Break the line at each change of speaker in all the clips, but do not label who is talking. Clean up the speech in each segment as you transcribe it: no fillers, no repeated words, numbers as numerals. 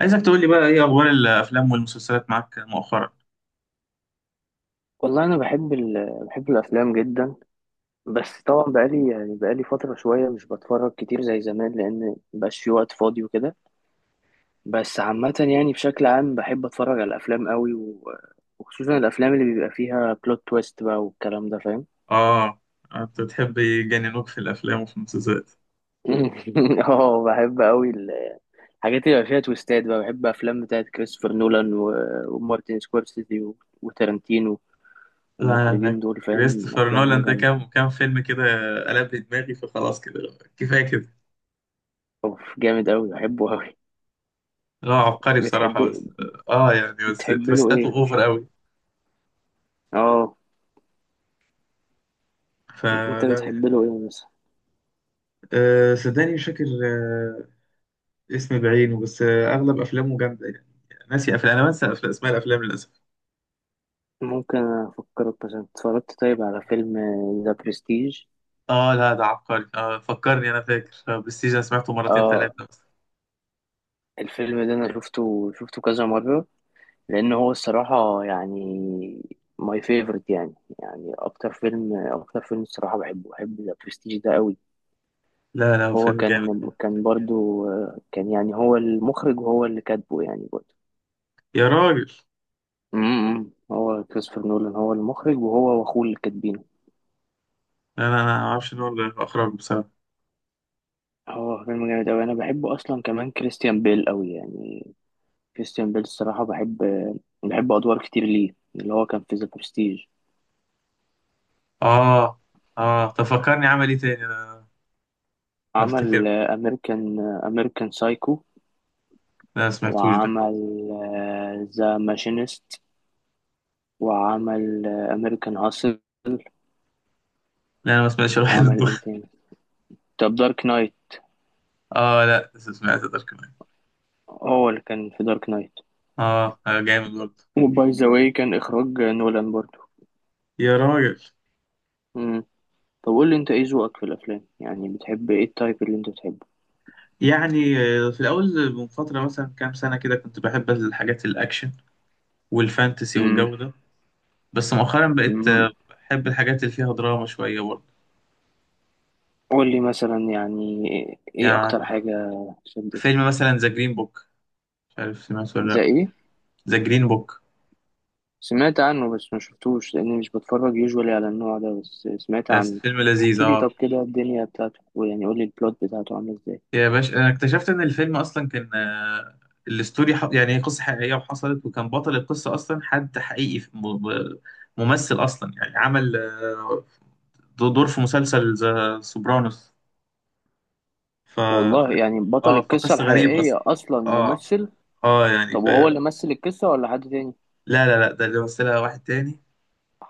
عايزك تقول لي بقى ايه اخبار الافلام والمسلسلات معاك مؤخرا؟
والله انا بحب الافلام جدا. بس طبعا بقالي فتره شويه مش بتفرج كتير زي زمان لان مبقاش في وقت فاضي وكده. بس عامه يعني بشكل عام بحب اتفرج على الافلام قوي و... وخصوصا الافلام اللي بيبقى فيها بلوت تويست بقى والكلام ده فاهم.
اه، انت بتحب يجننوك في الافلام وفي المسلسلات؟
اه بحب قوي. الحاجات اللي بيبقى فيها تويستات بقى بحب افلام بتاعت كريستوفر نولان و... ومارتن سكورسيزي و... وتارانتينو
لا انا
والمخرجين دول فاهم
كريستوفر
افلامهم
نولان ده
جامده.
كام كام فيلم كده قلب لي دماغي فخلاص كده كفايه كده.
اوف جامد قوي بحبه قوي.
لا عبقري
بتحب
بصراحه، بس اه يعني بس
بتحب له
تويستاته
ايه؟
اوفر قوي،
اه.
فلا
انت
يعني.
بتحب له ايه مثلا؟
صدقني مش فاكر اسم بعينه، بس اغلب افلامه جامده يعني. ناسي افلام، انا بنسى اسماء الافلام للاسف.
ممكن افكرك مثلا، اتفرجت طيب على فيلم ذا برستيج؟
اه لا ده عبقري، فكرني، انا فاكر برستيج، انا سمعته مرتين
اه
ثلاثه.
الفيلم ده انا شفته كذا مرة. لان هو الصراحة يعني ماي فيفورت يعني، يعني اكتر فيلم الصراحة بحبه. بحب ذا برستيج ده قوي.
لا لا هو
هو
فيلم جامد،
كان برضو، كان يعني هو المخرج وهو اللي كاتبه يعني برضو.
يا راجل.
هو كريستوفر نولان هو المخرج وهو واخوه اللي كاتبين.
لا لا انا ما اعرفش ان هو اللي اخرج بصراحه.
هو فيلم جامد أوي أنا بحبه أصلا، كمان كريستيان بيل أوي يعني. كريستيان بيل الصراحة بحب، بحب أدوار كتير ليه اللي هو كان في ذا برستيج.
اه، اه طب فكرني عمل ايه تاني انا؟ افتكر.
عمل أمريكان سايكو.
لا ما سمعتوش ده.
وعمل ذا ماشينست. وعمل أمريكان هاسل.
لا انا ما سمعتش الواحد من
وعمل
دول.
إيه تاني؟ طب دارك نايت.
اه لا بس سمعت ده كمان.
هو اللي كان في دارك نايت.
اه جامد برضه،
وباي ذا واي كان إخراج نولان برضه.
يا راجل.
مم. طب قول لي أنت إيه ذوقك في الأفلام؟ يعني بتحب إيه، التايب اللي أنت بتحبه؟
يعني في الاول من فتره مثلا كام سنه كده كنت بحب الحاجات الاكشن والفانتسي
مم.
والجو ده. بس مؤخرا بقيت
مم.
بحب الحاجات اللي فيها دراما شويه برضه.
قول لي مثلا يعني، ايه
يعني
اكتر حاجة شدتك؟
فيلم مثلا ذا جرين بوك، مش عارف سمعته ولا
زي
لا.
ايه؟
ذا جرين بوك،
سمعت عنه بس ما شفتوش لاني مش بتفرج يوجوالي على النوع ده، بس سمعت
بس
عنه.
فيلم لذيذ
احكي لي طب
اه.
كده الدنيا بتاعته، ويعني قول لي البلوت بتاعته عامله ازاي؟
يا باشا انا اكتشفت ان الفيلم اصلا كان يعني هي قصه حقيقيه وحصلت، وكان بطل القصه اصلا حد حقيقي في م- ممثل اصلا، يعني عمل دور في مسلسل ذا سوبرانوس ف...
والله؟
ف...
يعني بطل
اه
القصة
فقصه غريب اصلا.
الحقيقية اصلا
اه،
ممثل؟
اه يعني
طب
ف...
وهو اللي مثل القصة ولا حد تاني؟
لا لا لا ده اللي مثلها واحد تاني،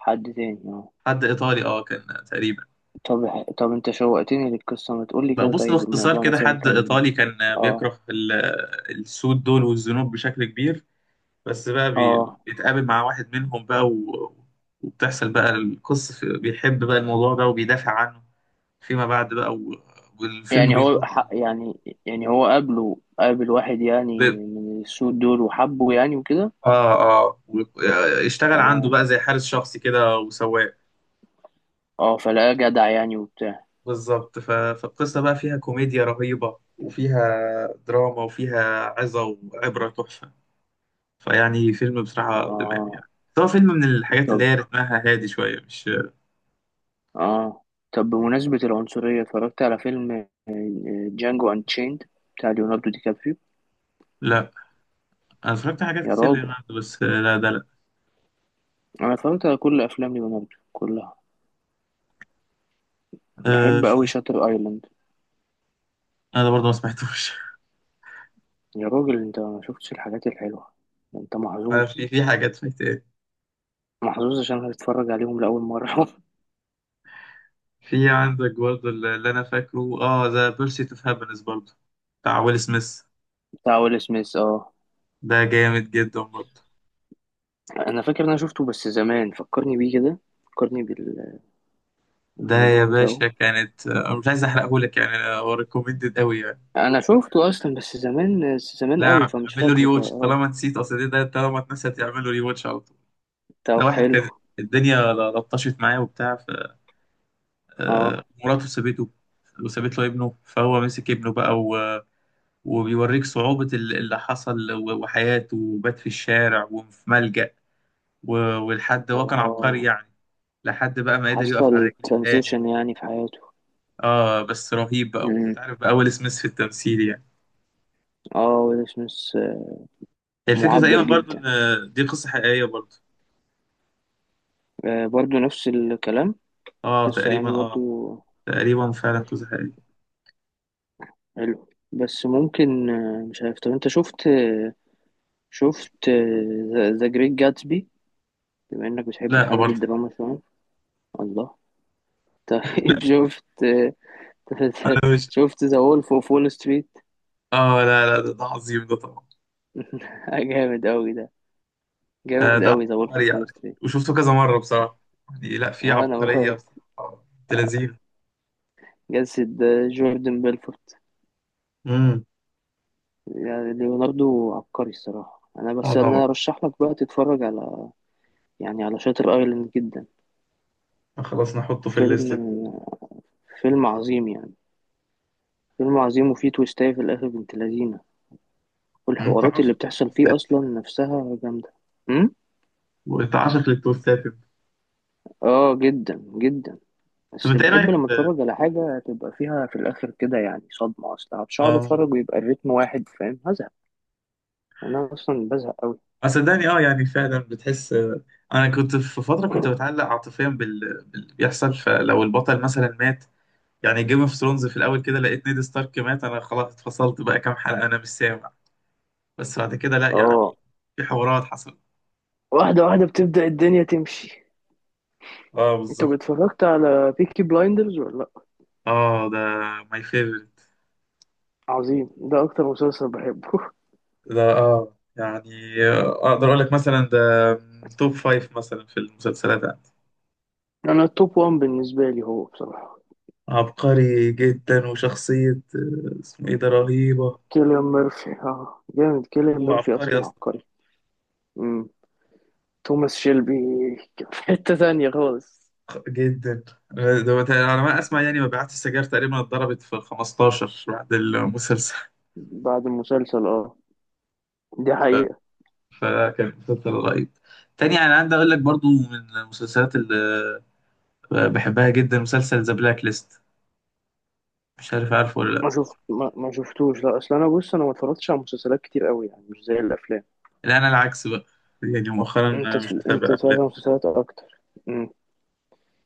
حد تاني، اه.
حد ايطالي اه كان تقريبا.
طب طب انت شوقتني للقصة، ما تقول لي
لا
كده.
بص
طيب
باختصار
الموضوع
كده،
مثلا
حد
كان؟
ايطالي كان
اه.
بيكره السود دول والذنوب بشكل كبير. بس بقى
اه
بيتقابل مع واحد منهم بقى وبتحصل بقى القصة بيحب بقى الموضوع ده وبيدافع عنه فيما بعد بقى، والفيلم
يعني هو
بيدور
ح- يعني، يعني هو قابله، قابل واحد
ب...
يعني من السود دول وحبه يعني وكده.
اه، اه و... آه، اشتغل عنده
اه.
بقى زي حارس شخصي كده وسواق.
اه فلقاه جدع يعني وبتاع.
بالظبط، فالقصة بقى فيها كوميديا رهيبة، وفيها دراما وفيها عظة وعبرة تحفة. فيعني فيلم بصراحة دماغي يعني.
اه.
بس هو فيلم من الحاجات اللي
طب.
هي رتمها هادي شوية، مش
اه. طب بمناسبة العنصرية، اتفرجت على فيلم جانجو انشيند بتاع ليوناردو دي كابريو؟
لا. أنا اتفرجت على حاجات
يا
كتير
راجل
لليوناردو، بس لا ده لا.
انا اتفرجت على كل افلام ليوناردو كلها.
آه
بحب اوي
في
شاتر ايلاند.
انا برضه ما سمعتوش.
يا راجل انت ما شفتش الحاجات الحلوة. انت
أنا
محظوظ،
في في حاجات فايت ايه.
محظوظ عشان هتتفرج عليهم لأول مرة.
في عندك برضه اللي انا فاكره اه ذا بيرسيت اوف هابينس برضه، بتاع ويل سميث.
بتاع ويل سميث، اه.
ده جامد جدا برضه.
انا فاكر ان انا شفته بس زمان، فكرني بيه كده. فكرني
ده يا
بالموضوع بتاعه.
باشا كانت مش عايز احرقه لك يعني، هو ريكومندد قوي يعني.
انا شفته اصلا بس زمان زمان
لا
قوي فمش
اعمل له ري
فاكره.
واتش
اه.
طالما نسيت، اصل ده طالما اتنسيت اعمل له ري واتش على طول. ده
طب
واحد
حلو.
كان الدنيا لطشت معاه وبتاع،
اه.
مراته سابته وسابت له ابنه، فهو مسك ابنه بقى وبيوريك صعوبة اللي حصل وحياته، وبات في الشارع وفي ملجأ، ولحد هو كان عبقري
اه
يعني، لحد بقى ما قدر يقف على
حصل
رجليه تاني.
ترانزيشن يعني في حياته.
اه بس رهيب بقى،
امم.
وتعرف بقى ويل سميث في التمثيل يعني.
اه ويل سميث
هي الفكرة تقريبا
معبر
برضو
جدا.
ان دي قصة حقيقية برضو.
آه برضو نفس الكلام.
اه
قصة
تقريبا
يعني برضو.
اه. تقريبا فعلا قصة حقيقية.
حلو. بس ممكن، مش عارف. طب انت شفت، شفت ذا جريت جاتسبي؟ بما انك بتحب
لا
الحاجات
برضو.
الدراما شوية. الله.
لا
طيب شفت،
انا مش.
شفت ذا وولف اوف وول ستريت؟
اه لا لا ده عظيم ده طبعا.
جامد قوي ده.
آه
جامد
ده
قوي ذا وولف
عبقري
اوف
يعني،
وول ستريت.
وشفته كذا مرة بصراحة يعني. لا في
وانا
عبقرية
بقعد،
بصراحة، بنت لذينة.
جسد جوردن بيلفورت.
امم.
يعني ليوناردو عبقري الصراحة. انا
اه
بس
طبعا.
انا ارشح لك بقى تتفرج على، يعني على شاتر ايلاند جدا.
خلاص نحطه في
فيلم،
الليست ده.
فيلم عظيم يعني. فيلم عظيم وفيه تويستاية في الاخر بنت لذينة.
انت
والحوارات اللي
عاشق
بتحصل فيه
للتوستات؟
اصلا نفسها جامدة. أمم؟
وانت عاشق للتوستات انت.
اه جدا جدا.
طب
بس
انت
اللي
ايه
بحب
رايك
لما
في
اتفرج على حاجة تبقى فيها في الآخر كده يعني صدمة. أصلا مش هقعد
اه.
اتفرج ويبقى الريتم واحد فاهم، هزهق. أنا أصلا بزهق أوي.
صدقني اه يعني فعلا بتحس انا كنت في فتره كنت بتعلق عاطفيا باللي بيحصل، فلو البطل مثلا مات، يعني جيم اوف ثرونز في الاول كده لقيت نيد ستارك مات، انا خلاص اتفصلت بقى كام حلقه، انا مش سامع. بس بعد كده لا يعني،
اه.
في حوارات حصلت.
واحدة واحدة بتبدأ الدنيا تمشي.
اه
انت
بالظبط.
اتفرجت على بيكي بلايندرز ولا لأ؟
اه ده ماي فيفورت.
عظيم ده، أكتر مسلسل بحبه.
ده اه يعني اقدر اقول لك مثلا ده توب فايف مثلا في المسلسلات.
أنا التوب وان بالنسبة لي هو بصراحة
عبقري جدا، وشخصية اسمه ايه ده، رهيبة.
كيليان ميرفي، اه. جامد كيليان
هو
ميرفي
عبقري
أصلا
اصلا،
عبقري. مم. توماس شيلبي كان في حتة تانية خالص.
جدا. ده على ما اسمع يعني مبيعات السجاير تقريبا اتضربت في ال 15 بعد المسلسل.
بعد المسلسل اه. دي حقيقة.
فكان مسلسل رهيب. تاني يعني عندي اقول لك برضو، من المسلسلات اللي بحبها جدا مسلسل ذا بلاك ليست، مش عارف عارفه ولا
ما شفتوش، لا اصل انا بص انا ما اتفرجتش على مسلسلات كتير قوي يعني مش زي الافلام.
لا. لا انا العكس بقى، يعني
انت
مؤخرا مش
انت
متابع
اتفرجت
افلام.
على مسلسلات اكتر. مم.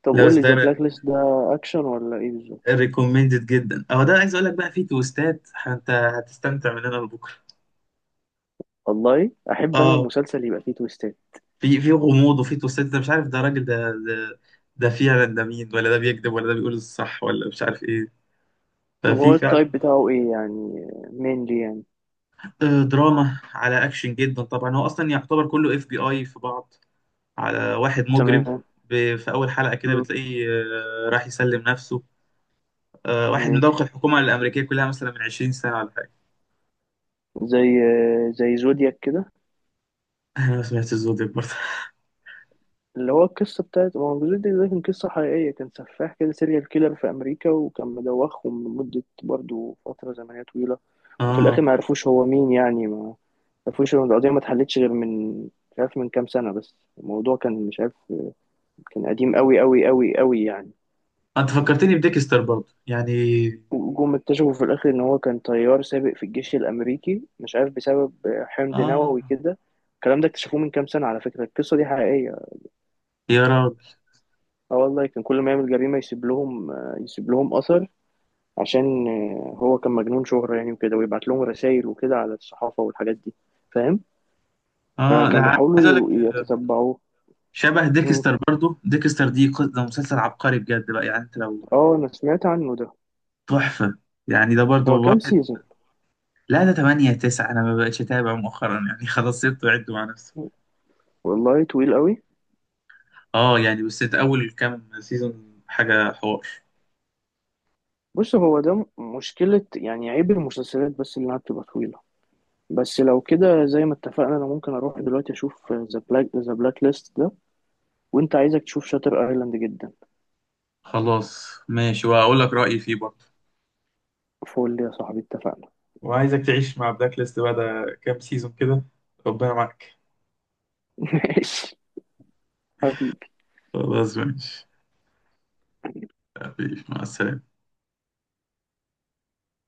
طب
لا
قول
بس
لي ذا
ده
بلاك ليست ده اكشن ولا ايه بالظبط؟
ريكومندد جدا اهو، ده عايز اقول لك بقى فيه تويستات، انت هتستمتع من هنا لبكره.
والله احب انا
اه
المسلسل يبقى فيه تويستات.
في في غموض، وفي توسات، ده مش عارف ده راجل ده ده فعلا ده مين، ولا ده بيكذب، ولا ده بيقول الصح، ولا مش عارف ايه.
طب
ففي
هو
فعلا.
التايب بتاعه ايه يعني؟ مين دي يعني؟
دراما على اكشن جدا طبعا، هو اصلا يعتبر كله اف بي اي في بعض على واحد مجرم.
تمام.
في اول حلقه كده
مم.
بتلاقيه راح يسلم نفسه، واحد مدوخ
ماشي.
الحكومه الامريكيه كلها مثلا من 20 سنه ولا حاجه.
زي زي زودياك كده،
انا ما سمعتش الزود ده برضه.
اللي هو القصة بتاعت ما هو جوزيف دي ده، كان قصة حقيقية، كان سفاح كده، سيريال كيلر في أمريكا وكان مدوخهم لمدة برضه فترة زمنية طويلة. وفي الآخر
اه
ما عرفوش هو مين يعني، ما عرفوش إن القضية ما اتحلتش غير من مش عارف من كام سنة، بس الموضوع كان مش عارف، كان قديم أوي أوي أوي أوي يعني.
انت فكرتني بديكستر برضه يعني.
وجم اكتشفوا في الآخر إن هو كان طيار سابق في الجيش الأمريكي، مش عارف بسبب حمض
اه
نووي كده، الكلام ده اكتشفوه من كام سنة على فكرة. القصة دي حقيقية.
يا راجل
اه والله كان كل ما يعمل جريمة يسيب لهم أثر عشان هو كان مجنون شهرة يعني وكده، ويبعت لهم رسائل وكده على الصحافة والحاجات دي فاهم.
اه ده
فكانوا بيحاولوا
عايز اقول لك
يتتبعوه.
شبه
مم.
ديكستر برضو، ديكستر دي ده مسلسل عبقري بجد بقى، يعني انت لو
اه انا سمعت عنه ده.
تحفة يعني. ده
هو
برضو
كام
واحد
سيزون؟
لا ده 8 9، انا ما بقتش اتابع مؤخرا يعني. خلاص سبته عده مع نفسه.
والله طويل قوي.
اه يعني بس انت اول كام سيزون حاجة حوار.
بص هو ده مشكلة يعني، عيب المسلسلات بس اللي انها بتبقى طويلة. بس لو كده زي ما اتفقنا، انا ممكن اروح دلوقتي اشوف ذا بلاك ليست ده. وانت عايزك تشوف شاتر ايلاند جدا.
خلاص ماشي، وهقول لك رأيي فيه برضو.
فول يا صاحبي اتفقنا.
وعايزك تعيش مع بلاك ليست بعد كام سيزون كده، ربنا معاك.
ماشي حبيبي.
خلاص ماشي حبيبي، مع السلامة.